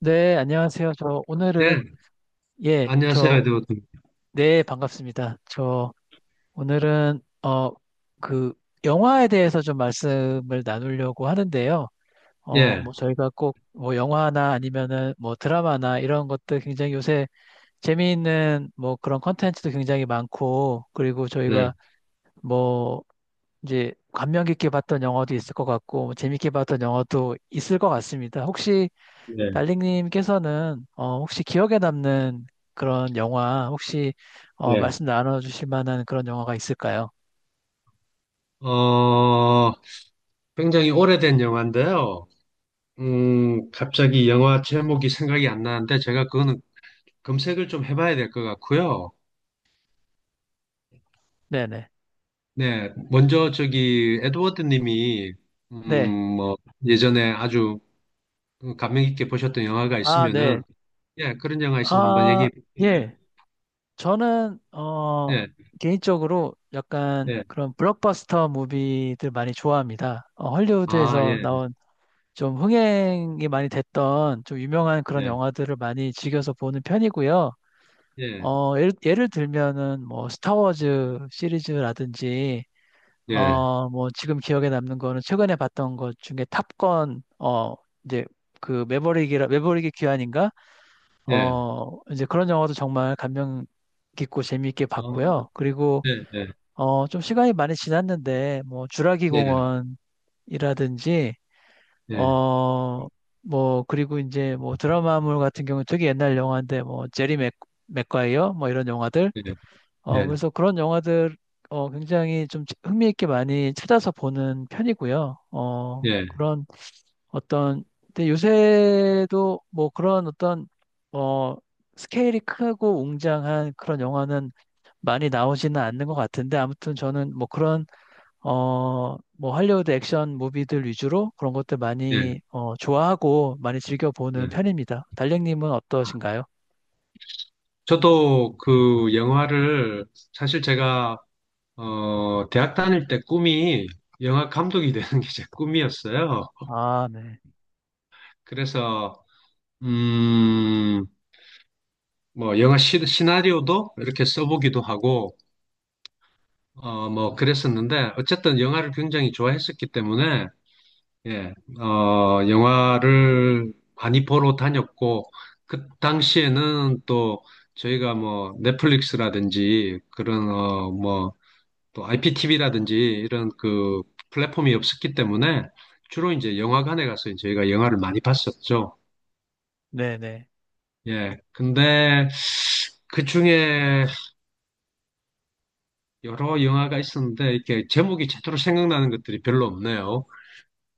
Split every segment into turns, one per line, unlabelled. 네, 안녕하세요. 저
예,
오늘은 예,
안녕하세요, 에드워드.
네, 반갑습니다. 저 오늘은 그 영화에 대해서 좀 말씀을 나누려고 하는데요.
예,
뭐 저희가 꼭 뭐 영화나 아니면은 뭐 드라마나 이런 것들 굉장히 요새 재미있는 뭐 그런 컨텐츠도 굉장히 많고, 그리고
네,
저희가 뭐 이제 감명 깊게 봤던 영화도 있을 것 같고 뭐 재밌게 봤던 영화도 있을 것 같습니다. 혹시
네,
달링님께서는 혹시 기억에 남는 그런 영화 혹시
예.
말씀 나눠주실 만한 그런 영화가 있을까요?
어, 굉장히 오래된 영화인데요. 갑자기 영화 제목이 생각이 안 나는데 제가 그거는 검색을 좀 해봐야 될 것 같고요.
네네.
네, 먼저 저기 에드워드 님이
네.
뭐 예전에 아주 감명 깊게 보셨던 영화가
아,
있으면은
네.
예, 그런 영화 있으면 한번
아,
얘기해 보세요.
예. 저는
예,
개인적으로 약간
예.
그런 블록버스터 무비들 많이 좋아합니다.
아,
헐리우드에서
예,
나온 좀 흥행이 많이 됐던 좀 유명한 그런
예,
영화들을 많이 즐겨서 보는 편이고요.
예,
예를 들면은 뭐 스타워즈 시리즈라든지,
예,
뭐, 지금 기억에 남는 거는 최근에 봤던 것 중에 탑건, 이제 그 매버릭의 귀환인가?
예.
이제 그런 영화도 정말 감명 깊고 재미있게
어,
봤고요. 그리고,
예, 예,
좀 시간이 많이 지났는데, 뭐, 주라기
예.
공원이라든지,
예.
어, 뭐, 그리고 이제 뭐 드라마물 같은 경우 되게 옛날 영화인데, 뭐, 제리 맥과이어, 뭐 이런 영화들.
예, 예,
그래서 그런 영화들 굉장히 좀 흥미있게 많이 찾아서 보는 편이고요. 어,
예,
그런 어떤 근데 요새도 뭐 그런 어떤 어, 스케일이 크고 웅장한 그런 영화는 많이 나오지는 않는 것 같은데, 아무튼 저는 뭐 그런 뭐 할리우드 액션 무비들 위주로 그런 것들
예,
많이 좋아하고 많이 즐겨 보는
예.
편입니다. 달링님은 어떠신가요?
저도 그 영화를 사실 제가 대학 다닐 때 꿈이 영화 감독이 되는 게 제 꿈이었어요.
아, 네.
그래서 음 뭐 영화 시나리오도 이렇게 써보기도 하고 뭐 그랬었는데 어쨌든 영화를 굉장히 좋아했었기 때문에 예, 영화를 많이 보러 다녔고, 그 당시에는 또 저희가 뭐 넷플릭스라든지 그런, 뭐 또 IPTV라든지 이런 그 플랫폼이 없었기 때문에 주로 이제 영화관에 가서 저희가 영화를 많이 봤었죠.
네네.
예, 근데 그 중에 여러 영화가 있었는데 이렇게 제목이 제대로 생각나는 것들이 별로 없네요.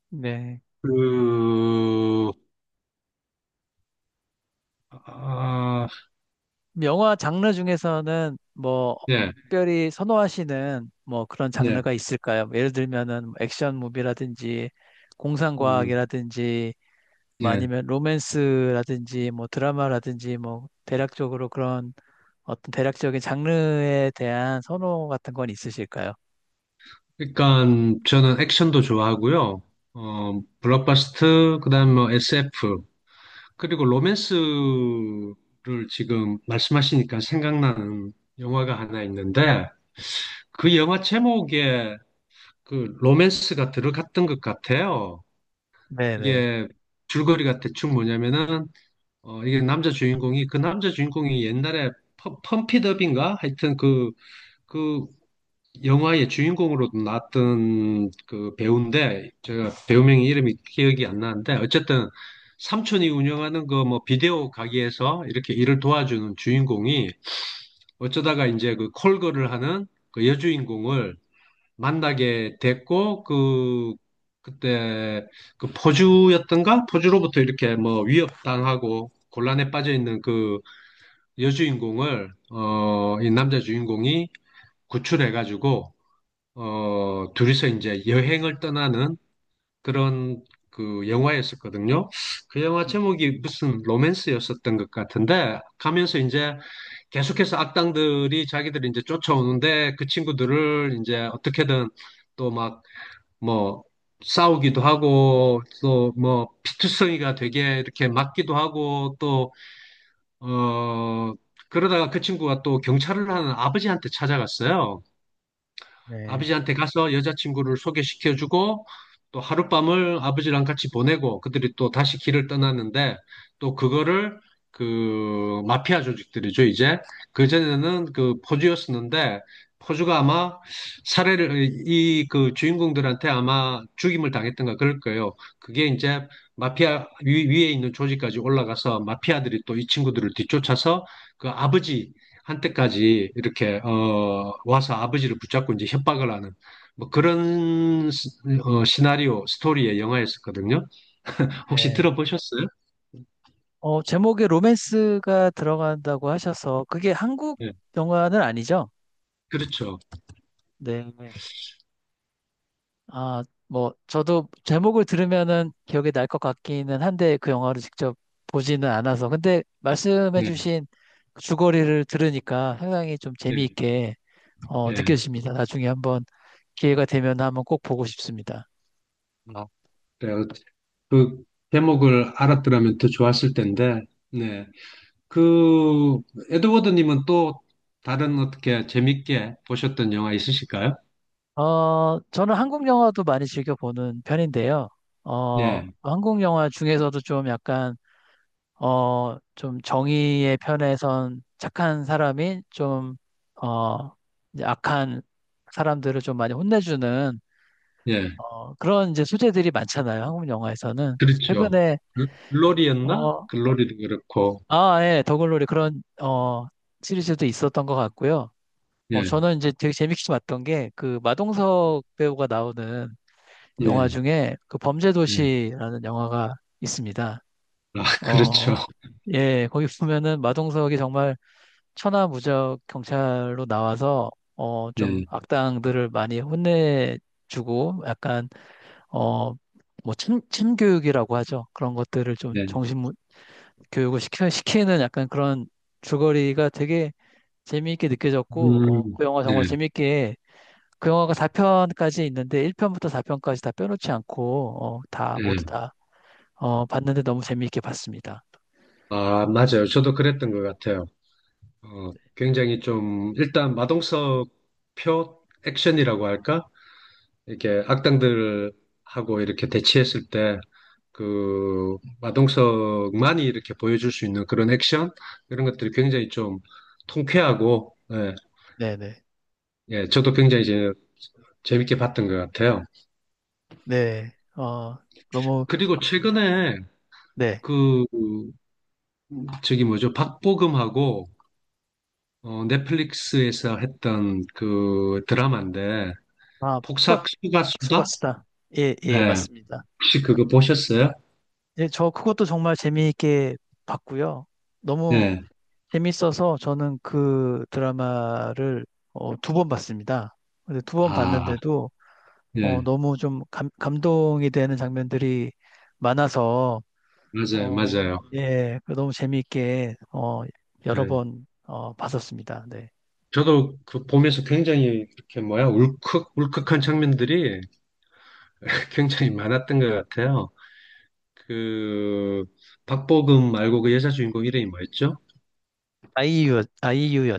네.
그, 아,
영화 장르 중에서는 뭐
예,
특별히 선호하시는 뭐 그런
예.
장르가 있을까요? 뭐 예를 들면은 뭐 액션 무비라든지,
음.
공상과학이라든지, 뭐
예.
아니면 로맨스라든지 뭐 드라마라든지 뭐 대략적으로 그런 어떤 대략적인 장르에 대한 선호 같은 건 있으실까요?
그러니까 저는 액션도 좋아하고요. 어, 블록버스터, 그다음에 뭐 SF, 그리고 로맨스를 지금 말씀하시니까 생각나는 영화가 하나 있는데 그 영화 제목에 그 로맨스가 들어갔던 것 같아요.
네네.
이게 줄거리가 대충 뭐냐면은 이게 남자 주인공이 옛날에 펌피업인가 하여튼 그그 영화의 주인공으로 나왔던 그 배우인데 제가 배우명 이름이 기억이 안 나는데 어쨌든 삼촌이 운영하는 그 뭐 비디오 가게에서 이렇게 일을 도와주는 주인공이 어쩌다가 이제 그 콜걸을 하는 그 여주인공을 만나게 됐고 그때 그 포주였던가 포주로부터 이렇게 뭐 위협당하고 곤란에 빠져 있는 그 여주인공을 이 남자 주인공이 구출해가지고 둘이서 이제 여행을 떠나는 그런 그 영화였었거든요. 그 영화
네.
제목이 무슨 로맨스였었던 것 같은데 가면서 이제 계속해서 악당들이 자기들이 이제 쫓아오는데 그 친구들을 이제 어떻게든 또 막 뭐 싸우기도 하고 또 뭐 피투성이가 되게 이렇게 맞기도 하고 또 어 그러다가 그 친구가 또 경찰을 하는 아버지한테 찾아갔어요.
네.
아버지한테 가서 여자친구를 소개시켜주고 또 하룻밤을 아버지랑 같이 보내고 그들이 또 다시 길을 떠났는데 또 그거를 그 마피아 조직들이죠 이제 그전에는 그 포주였었는데 포주가 아마 살해를 이 그 주인공들한테 아마 죽임을 당했던가 그럴 거예요. 그게 이제 마피아 위에 있는 조직까지 올라가서 마피아들이 또 이 친구들을 뒤쫓아서 그 아버지 한때까지 이렇게 와서 아버지를 붙잡고 이제 협박을 하는 뭐 그런 시나리오 스토리의 영화였었거든요. 혹시
네.
들어보셨어요?
제목에 로맨스가 들어간다고 하셔서 그게 한국
예,
영화는 아니죠?
그렇죠.
네. 아, 뭐, 저도 제목을 들으면은 기억이 날 것 같기는 한데 그 영화를 직접 보지는 않아서. 근데
예,
말씀해주신 그 줄거리를 들으니까 상당히 좀
예,
재미있게
예.
느껴집니다. 나중에 한번 기회가 되면 한번 꼭 보고 싶습니다.
아, 그래요. 그 제목을 알았더라면 더 좋았을 텐데, 네. 그 에드워드님은 또 다른 어떻게 재밌게 보셨던 영화 있으실까요?
저는 한국 영화도 많이 즐겨 보는 편인데요.
예,
한국 영화 중에서도 좀 약간 좀 정의의 편에선 착한 사람이 좀, 어, 이제 악한 사람들을 좀 많이 혼내주는,
예,
그런 이제 소재들이 많잖아요. 한국 영화에서는. 그래서
그렇죠.
최근에,
글로리였나?
어,
글로리도 그렇고,
아, 예, 더글로리 그런, 시리즈도 있었던 것 같고요.
예,
저는 이제 되게 재밌게 봤던 게 그 마동석 배우가 나오는 영화
예,
중에 그
예.
범죄도시라는 영화가 있습니다.
아, 그렇죠.
어, 예, 거기 보면은 마동석이 정말 천하무적 경찰로 나와서 좀
네,
악당들을 많이 혼내주고 약간 어 뭐 침교육이라고 하죠. 그런 것들을 좀
네.
교육을 시키는 약간 그런 줄거리가 되게 재미있게 느껴졌고, 그 영화
네,
정말 재미있게 그 영화가 4편까지 있는데 1편부터 4편까지 다 빼놓지 않고 다 모두
네.
다 봤는데 너무 재미있게 봤습니다.
아, 맞아요. 저도 그랬던 것 같아요. 어, 굉장히 좀, 일단 마동석 표 액션이라고 할까? 이렇게 악당들하고 이렇게 대치했을 때, 그, 마동석만이 이렇게 보여줄 수 있는 그런 액션? 이런 것들이 굉장히 좀 통쾌하고, 예,
네네.
예, 저도 굉장히 이제 재밌게 봤던 것 같아요.
네. 너무
그리고 최근에
네.
그 저기 뭐죠? 박보검하고 넷플릭스에서 했던 그 드라마인데
아,
폭삭수가 수다?
수고하셨다. 예, 예,
예.
맞습니다.
혹시 그거 보셨어요?
예, 저 그것도 정말 재미있게 봤고요. 너무
예.
재밌어서 저는 그 드라마를 두번 봤습니다. 근데 두 번
아,
봤는데도
예.
너무 좀 감동이 되는 장면들이 많아서
맞아요. 맞아요.
예, 그 너무 재미있게 여러
예.
번 봤었습니다. 네.
저도 그 보면서 굉장히 이렇게 뭐야? 울컥 울컥한 장면들이 굉장히 많았던 것 같아요. 그 박보검 말고 그 여자 주인공 이름이 뭐였죠?
아이유,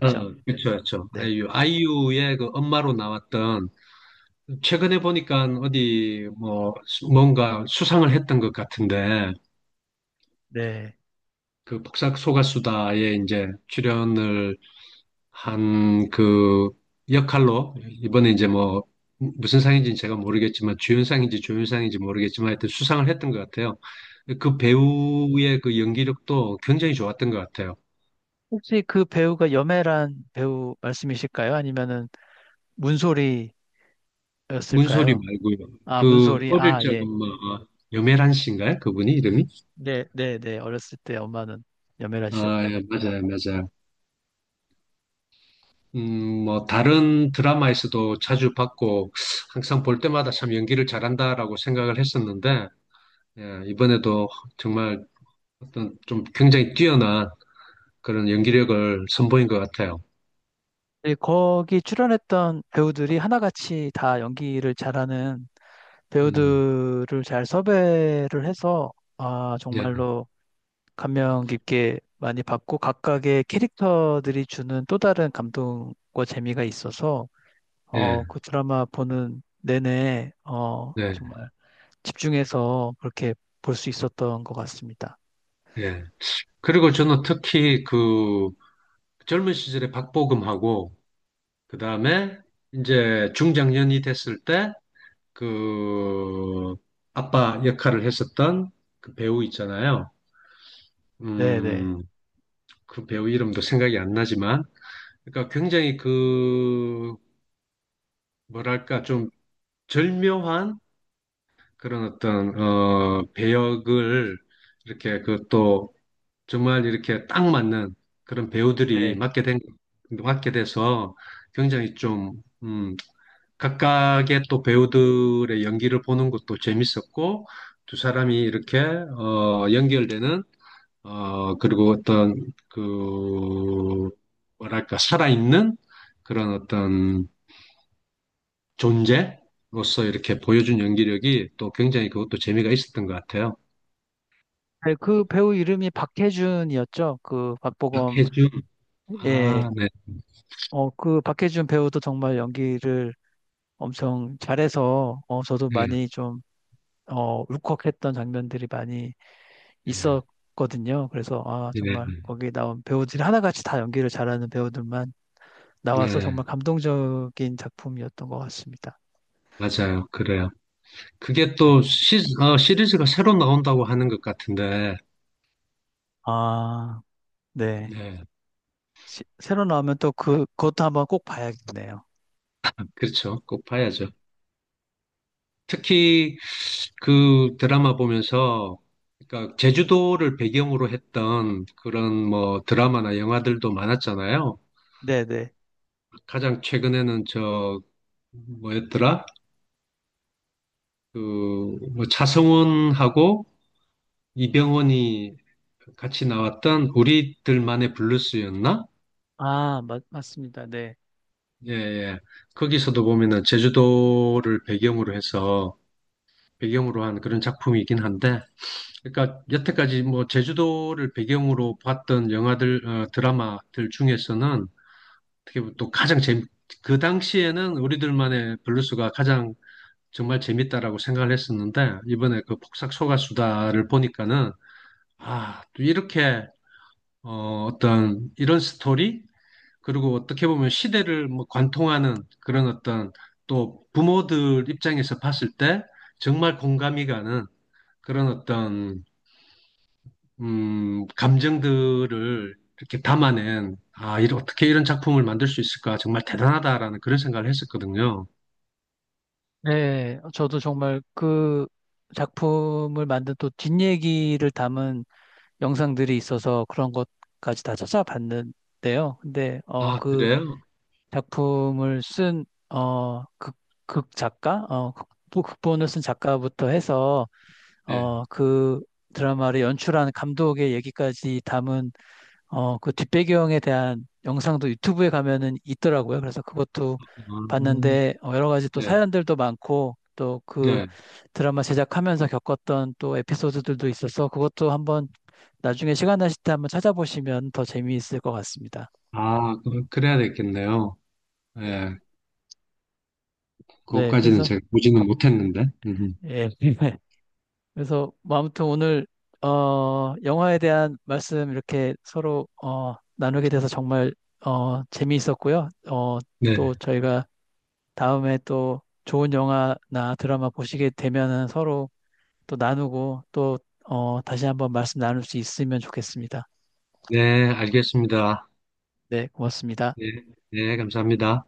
어, 그렇죠, 그렇죠.
네.
아이유, 아이유의 그 엄마로 나왔던 최근에 보니까 어디 뭐 뭔가 수상을 했던 것 같은데
네.
그복사 소가수다에 이제 출연을 한 그 역할로 이번에 이제 뭐 무슨 상인지는 제가 모르겠지만 주연상인지 조연상인지 모르겠지만 하여튼 수상을 했던 것 같아요. 그
네.
배우의 그 연기력도 굉장히 좋았던 것 같아요.
혹시 그 배우가 염혜란 배우 말씀이실까요? 아니면은 문소리였을까요?
문소리 말고요.
아,
그
문소리.
어릴
아, 예.
적은 뭐 여메란 씨인가요? 그분이 이름이?
네, 네, 네. 어렸을 때 엄마는 염혜라
아,
씨였고요.
예, 맞아요, 맞아요. 뭐, 다른 드라마에서도 자주 봤고, 항상 볼 때마다 참 연기를 잘한다라고 생각을 했었는데, 예, 이번에도 정말 어떤 좀 굉장히 뛰어난 그런 연기력을 선보인 것 같아요.
네, 거기 출연했던 배우들이 하나같이 다 연기를 잘하는
음,
배우들을 잘 섭외를 해서 아,
예,
정말로 감명 깊게 많이 받고 각각의 캐릭터들이 주는 또 다른 감동과 재미가 있어서
예,
그 드라마 보는 내내
예,
정말 집중해서 그렇게 볼 수 있었던 것 같습니다.
예. 그리고 저는 특히 그 젊은 시절에 박보검하고, 그 다음에 이제 중장년이 됐을 때, 그 아빠 역할을 했었던 그 배우 있잖아요.
네네.
음, 그 배우 이름도 생각이 안 나지만, 그러니까 굉장히 그, 뭐랄까, 좀 절묘한 그런 어떤, 배역을 이렇게 그 또 정말 이렇게 딱 맞는 그런 배우들이
네.
맡게 돼서 굉장히 좀, 각각의 또 배우들의 연기를 보는 것도 재밌었고, 두 사람이 이렇게, 연결되는 그리고 어떤, 그, 뭐랄까, 살아있는 그런 어떤 존재로서 이렇게 보여준 연기력이 또 굉장히 그것도 재미가 있었던 것 같아요.
네, 그 배우 이름이 박해준이었죠. 그 박보검,
박해준, 아,
예.
네,
그 박해준 배우도 정말 연기를 엄청 잘해서, 저도
네,
많이 좀, 울컥했던 장면들이 많이 있었거든요. 그래서, 아,
네, 네,
정말 거기 나온 배우들이 하나같이 다 연기를 잘하는 배우들만 나와서
네,
정말 감동적인 작품이었던 것 같습니다.
맞아요. 그래요. 그게
네.
또 시리즈가 새로 나온다고 하는 것 같은데,
아, 네.
네,
새로 나오면 또 그것도 한번 꼭 봐야겠네요.
그렇죠. 꼭 봐야죠.
네.
특히 그 드라마 보면서 그러니까 제주도를 배경으로 했던 그런 뭐 드라마나 영화들도 많았잖아요.
네네.
가장 최근에는 저 뭐였더라? 그뭐 차성원하고 이병헌이 같이 나왔던 우리들만의 블루스였나?
아, 맞습니다. 네.
예, 예. 거기서도 보면은 제주도를 배경으로 해서 배경으로 한 그런 작품이긴 한데 그러니까 여태까지 뭐 제주도를 배경으로 봤던 영화들, 어, 드라마들 중에서는 어떻게 보면 또 그 당시에는 우리들만의 블루스가 가장 정말 재밌다라고 생각을 했었는데 이번에 그 폭삭 소가수다를 보니까는 아, 또 이렇게 어떤 이런 스토리 그리고 어떻게 보면 시대를 뭐 관통하는 그런 어떤 또 부모들 입장에서 봤을 때 정말 공감이 가는 그런 어떤 감정들을 이렇게 담아낸, 아, 이런, 어떻게 이런 작품을 만들 수 있을까? 정말 대단하다라는 그런 생각을 했었거든요.
네, 저도 정말 그 작품을 만든 또 뒷얘기를 담은 영상들이 있어서 그런 것까지 다 찾아봤는데요. 근데,
아,
그
그래요?
작품을 쓴, 극 작가? 극본을 쓴 작가부터 해서,
네.
그 드라마를 연출한 감독의 얘기까지 담은 그 뒷배경에 대한 영상도 유튜브에 가면은 있더라고요. 그래서 그것도
음,
봤는데 여러 가지 또
네.
사연들도 많고 또 그
네.
드라마 제작하면서 겪었던 또 에피소드들도 있어서 그것도 한번 나중에 시간 나실 때 한번 찾아보시면 더 재미있을 것 같습니다.
아, 그래야 되겠네요.
네.
네.
네,
그것까지는
그래서
제가 보지는 못했는데.
예. 그래서 뭐 아무튼 오늘 영화에 대한 말씀 이렇게 서로 나누게 돼서 정말 재미있었고요.
네.
또 저희가 다음에 또 좋은 영화나 드라마 보시게 되면은 서로 또 나누고 또 다시 한번 말씀 나눌 수 있으면 좋겠습니다.
네, 알겠습니다.
네, 고맙습니다.
네. 네, 감사합니다.